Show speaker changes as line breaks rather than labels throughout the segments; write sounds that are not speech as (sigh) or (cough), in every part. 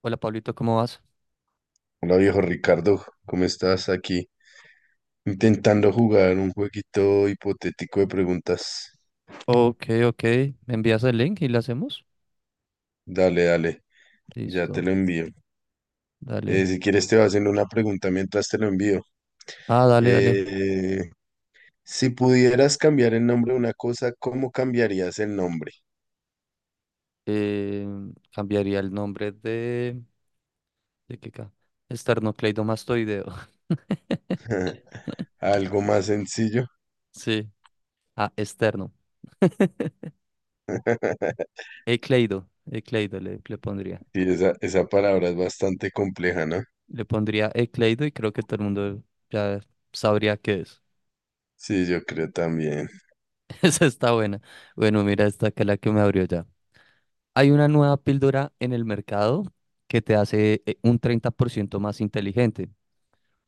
Hola Pablito, ¿cómo vas?
Hola viejo Ricardo, ¿cómo estás aquí? Intentando jugar un jueguito hipotético de preguntas.
Ok, ok. ¿Me envías el link y lo hacemos?
Dale, dale, ya te
Listo.
lo envío.
Dale.
Si quieres te voy haciendo una pregunta mientras te lo envío.
Ah, dale, dale.
Eh, si pudieras cambiar el nombre de una cosa, ¿cómo cambiarías el nombre?
Eh, Cambiaría el nombre de... ¿De qué ca? Esternocleidomastoideo. (laughs)
Algo más sencillo.
Sí. Ah, externo. Ecleido. Ecleido le pondría.
Sí, esa palabra es bastante compleja, ¿no?
Le pondría ecleido y creo que todo el mundo ya sabría qué es.
Sí, yo creo también.
(laughs) Esa está buena. Bueno, mira esta que es la que me abrió ya. Hay una nueva píldora en el mercado que te hace un 30% más inteligente.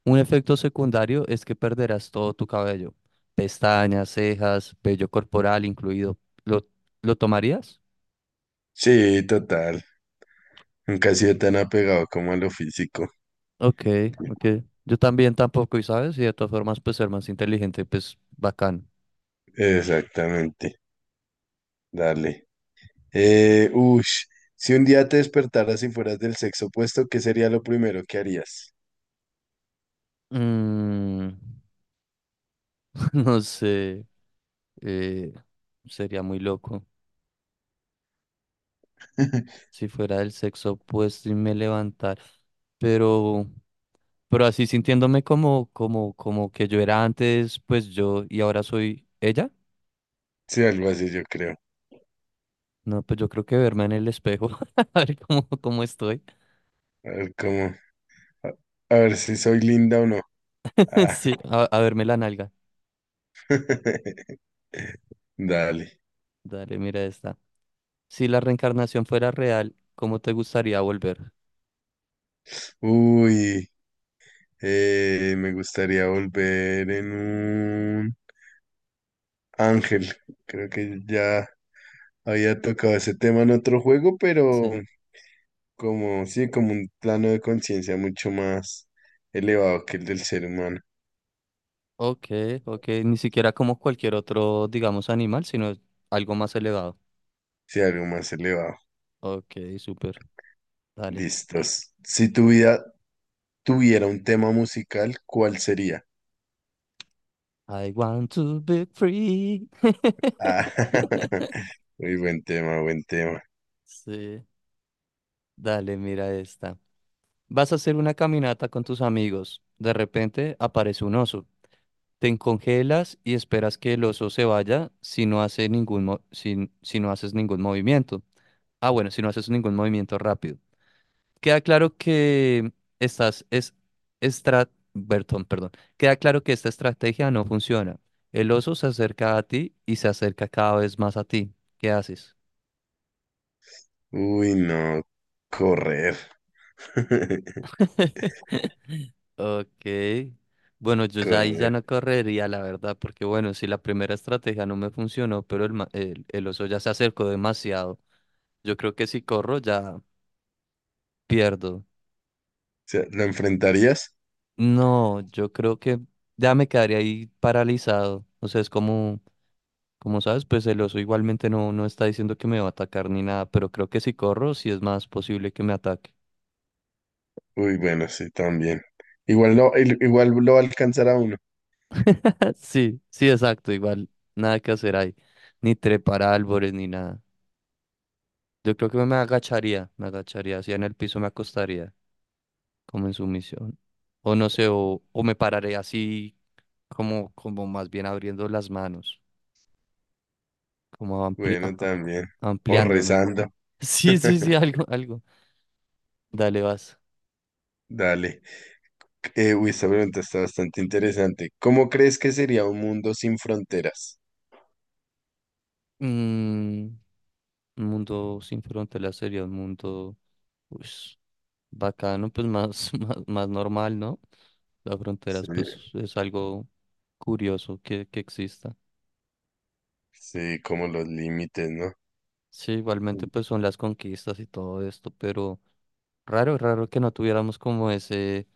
Un efecto secundario es que perderás todo tu cabello, pestañas, cejas, vello corporal incluido. ¿Lo, lo tomarías?
Sí, total. Nunca he sido tan apegado como a lo físico.
Ok, ok. Yo también tampoco, y sabes, y de todas formas, pues ser más inteligente, pues bacán.
Exactamente. Dale. Eh, ush, si un día te despertaras y fueras del sexo opuesto, ¿qué sería lo primero que harías?
Mm, (laughs) no sé, eh, sería muy loco
(laughs)
si fuera del sexo opuesto y me levantara. Pero, pero así sintiéndome como que yo era antes, pues yo y ahora soy ella.
Sí, algo así yo creo.
No, pues yo creo que verme en el espejo, (laughs) a ver cómo estoy.
A ver cómo, a, a ver si soy linda o no.
(laughs)
Ah,
Sí, a verme la nalga.
(laughs) Dale.
Dale, mira esta. Si la reencarnación fuera real, ¿cómo te gustaría volver?
Uy, me gustaría volver en un ángel. Creo que ya había tocado ese tema en otro juego, pero
Sí.
como sí, como un plano de conciencia mucho más elevado que el del ser humano.
Ok, ok, ni siquiera como cualquier otro, digamos, animal, sino algo más elevado.
Sí, algo más elevado.
Ok, súper. Dale.
Listos. Si tu vida tuviera un tema musical, ¿cuál sería?
I want to be free.
Ah, (laughs) muy buen tema, buen tema.
Sí. Dale, mira esta. Vas a hacer una caminata con tus amigos. De repente aparece un oso. Te congelas y esperas que el oso se vaya si no haces ningún movimiento. Ah, bueno, si no haces ningún movimiento rápido. Queda claro que estás es estra- Bertón, perdón. Queda claro que esta estrategia no funciona. El oso se acerca a ti y se acerca cada vez más a ti. ¿Qué haces?
Uy, no, correr. (laughs)
(laughs) Ok. Bueno, yo ya ahí ya
Correr.
no
O
correría, la verdad, porque bueno, si la primera estrategia no me funcionó, pero el oso ya se acercó demasiado. Yo creo que si corro ya pierdo.
sea, ¿lo enfrentarías?
No, yo creo que ya me quedaría ahí paralizado. O sea, es como sabes, pues el oso igualmente no está diciendo que me va a atacar ni nada, pero creo que si corro sí es más posible que me ataque.
Uy, bueno, sí, también. Igual lo va a alcanzar a uno.
(laughs) Sí, sí, exacto, igual nada que hacer ahí. Ni trepar a árboles ni nada. Yo creo que me agacharía, así en el piso me acostaría, como en sumisión. O no sé, o me pararé así como más bien abriendo las manos. Como
Bueno, también. O
ampliándome.
rezando.
(laughs) Sí, sí, sí,
(laughs)
algo, algo. Dale, vas.
Dale. Uy, esta pregunta está bastante interesante. ¿Cómo crees que sería un mundo sin fronteras?
Mm, un mundo sin fronteras sería un mundo, pues, bacano, pues más, (laughs) más normal, ¿no? Las
Sí,
fronteras, pues, es algo curioso que exista.
sí, como los límites, ¿no?
Sí, igualmente, pues, son las conquistas y todo esto, pero raro, raro que no tuviéramos como ese,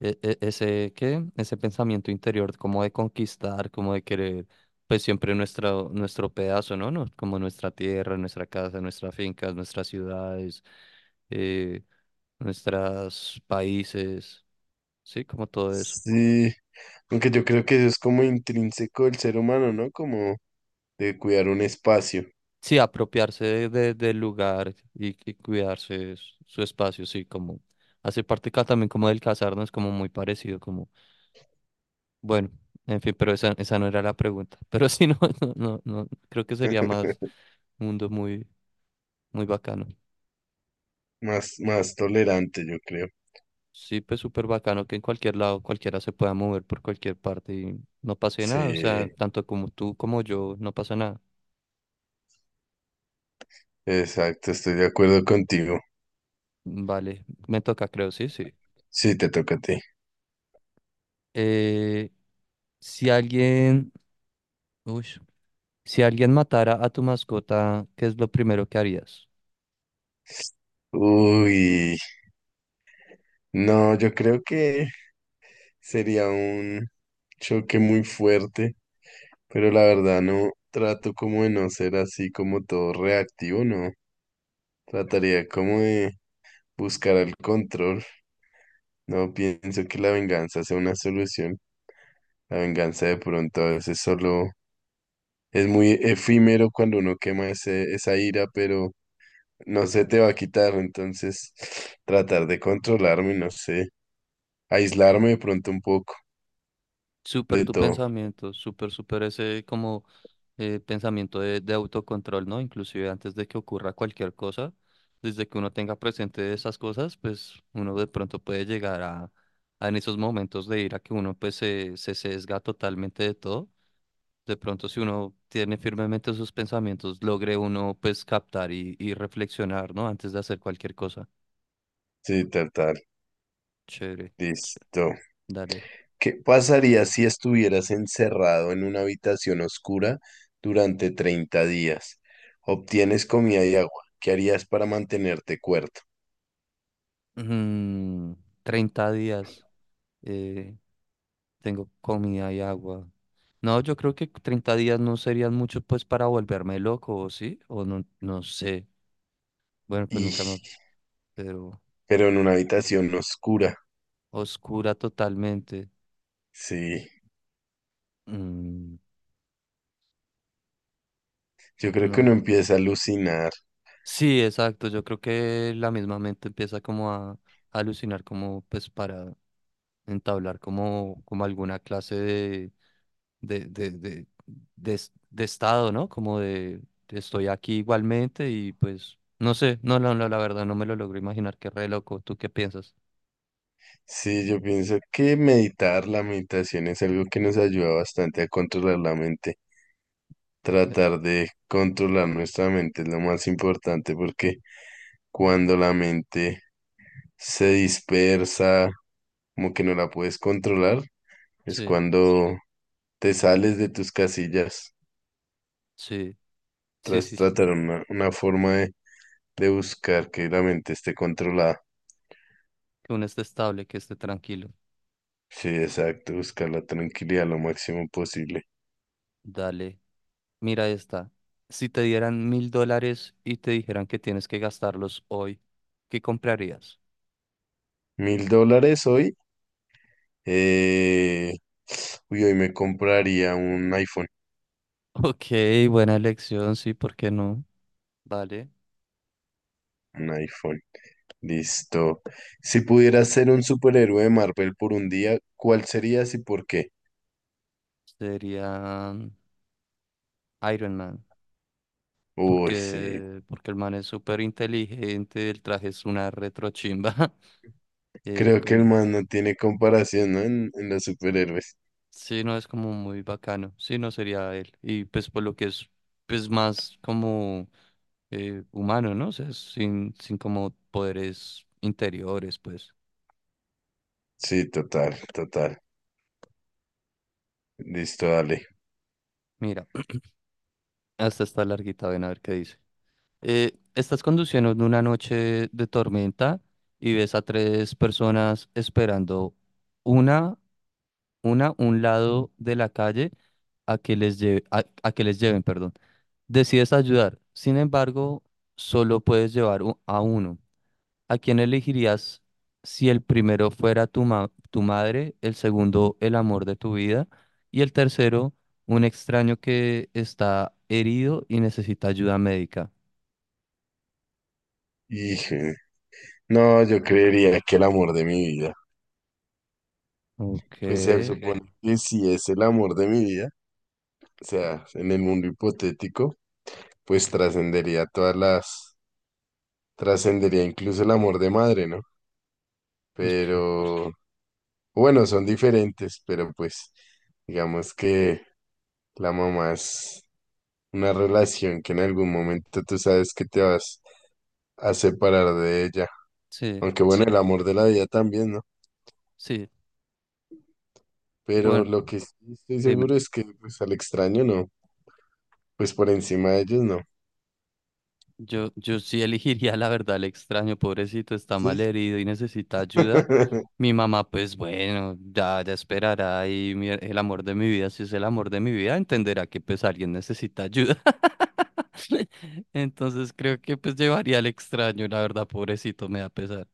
¿qué? Ese pensamiento interior, como de conquistar, como de querer, pues siempre nuestro pedazo, ¿no? ¿no? Como nuestra tierra, nuestra casa, nuestras fincas, nuestras ciudades, eh, nuestros países, sí, como todo eso.
Sí, aunque yo creo que eso es como intrínseco del ser humano, ¿no? Como de cuidar un espacio
Sí, apropiarse del lugar y cuidarse su espacio, sí, como hace parte también como del casarnos, como muy parecido, como. Bueno, en fin, pero esa no era la pregunta. (laughs) Pero sí, no, (laughs) no, no, no, creo que sería
(laughs)
más un mundo muy, muy bacano.
más, más tolerante, yo creo.
Sí, pues súper bacano que en cualquier lado cualquiera se pueda mover por cualquier parte y no pase nada. O sea,
Sí,
tanto como tú como yo, no pasa nada.
exacto, estoy de acuerdo contigo.
Vale, me toca, creo, sí, sí.
Sí, te toca a ti.
Eh, si alguien, uy, si alguien matara a tu mascota, ¿qué es lo primero que harías?
Uy, no, yo creo que sería un choque muy fuerte, pero la verdad no trato como de no ser así como todo reactivo, no. Trataría como de buscar el control. No pienso que la venganza sea una solución. La venganza de pronto a veces solo es muy efímero cuando uno quema esa ira, pero no se te va a quitar. Entonces, (sniffs) tratar de controlarme, no sé, aislarme de pronto un poco
Súper
de
tu
todo.
pensamiento, súper, súper ese como pensamiento de autocontrol, ¿no? Inclusive antes de que ocurra cualquier cosa, desde que uno tenga presente esas cosas, pues uno de pronto puede llegar a en esos momentos de ira que uno pues se sesga totalmente de todo. De pronto si uno tiene firmemente sus pensamientos, logre uno pues captar y reflexionar, ¿no? Antes de hacer cualquier cosa.
Sí, tal, tal.
Chévere, chévere.
Listo.
Dale.
¿Qué pasaría si estuvieras encerrado en una habitación oscura durante 30 días? Obtienes comida y agua. ¿Qué harías para mantenerte cuerdo?
Mm, 30 días. eh, Tengo comida y agua. No, yo creo que 30 días no serían muchos pues para volverme loco, ¿o sí? O no, no sé. Bueno, pues
Y,
nunca me... Pero
pero en una habitación oscura.
oscura totalmente.
Sí.
Mm,
Yo creo que
no.
uno empieza a alucinar.
Sí, exacto. Yo creo que la misma mente empieza como a alucinar como pues para entablar como alguna clase de, de, de, de estado, ¿no? Como de estoy aquí igualmente y pues no sé, no, no, no, la verdad no me lo logro imaginar, qué re loco, ¿tú qué piensas?
Sí, yo pienso que meditar, la meditación es algo que nos ayuda bastante a controlar la mente.
Eso.
Tratar de controlar nuestra mente es lo más importante porque cuando la mente se dispersa, como que no la puedes controlar, es
Sí,
cuando te sales de tus casillas.
sí, sí,
Tras
sí, sí.
tratar una forma de buscar que la mente esté controlada.
Que uno esté estable, que esté tranquilo.
Sí, exacto, buscar la tranquilidad lo máximo posible.
Dale, mira esta. Si te dieran $1,000 y te dijeran que tienes que gastarlos hoy, ¿qué comprarías? (laughs)
$1000 hoy. Eh, uy, hoy me compraría un iPhone.
Ok, buena elección, sí, ¿por qué no? Vale.
Un iPhone. Listo. Si pudieras ser un superhéroe de Marvel por un día, ¿cuál serías y por qué?
Sería Iron Man,
Uy, sí.
porque el man es súper inteligente, el traje es una retrochimba. (laughs)
Creo que el
Como,
man no tiene comparación, ¿no? En los superhéroes.
sí, no, es como muy bacano. Sí, no sería él. Y pues por lo que es pues más como humano, ¿no? O sea, sin como poderes interiores, pues.
Sí, total, total. Listo, dale.
Mira, (clears throat) hasta está larguita, ven a ver qué dice. Estás conduciendo en una noche de tormenta y ves a tres personas esperando una un lado de la calle a que les lleven, perdón. Decides ayudar. Sin embargo, solo puedes llevar a uno. ¿A quién elegirías si el primero fuera tu madre, el segundo el amor de tu vida y el tercero un extraño que está herido y necesita ayuda médica?
Híjole. No, yo creería que el amor de mi vida.
Ok,
Pues se supone. Ok. Que si es el amor de mi vida, o sea, en el mundo hipotético, pues trascendería todas las trascendería incluso el amor de madre, ¿no?
ok,
Pero bueno, son diferentes, pero pues digamos que la mamá es una relación que en algún momento tú sabes que te vas a separar de ella.
sí,
Aunque bueno, el amor de la vida también, ¿no?
sí.
Pero
Bueno,
lo que sí estoy
dime.
seguro es que pues al extraño no, pues por encima de ellos no.
Yo sí (laughs) elegiría la verdad el extraño, pobrecito, está mal
Sí.
herido y necesita ayuda.
(laughs)
Mi mamá, pues bueno, ya, ya esperará y el amor de mi vida, si es el amor de mi vida, entenderá que pues alguien necesita ayuda. (laughs) Entonces creo que pues llevaría al extraño, la verdad, pobrecito, me da pesar.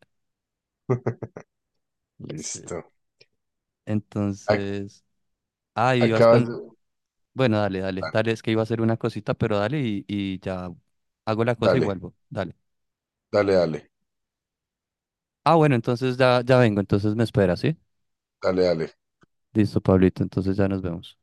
Sí.
Listo. Ac-
Entonces, ay, ibas
acabas
con...
de...
Bueno, dale, dale, dale, es que iba a hacer una cosita, pero dale y ya hago la cosa y
Dale,
vuelvo, dale.
dale, dale,
Ah, bueno, entonces ya, ya vengo, entonces me espera, ¿sí?
dale, dale.
Listo, Pablito, entonces ya nos vemos.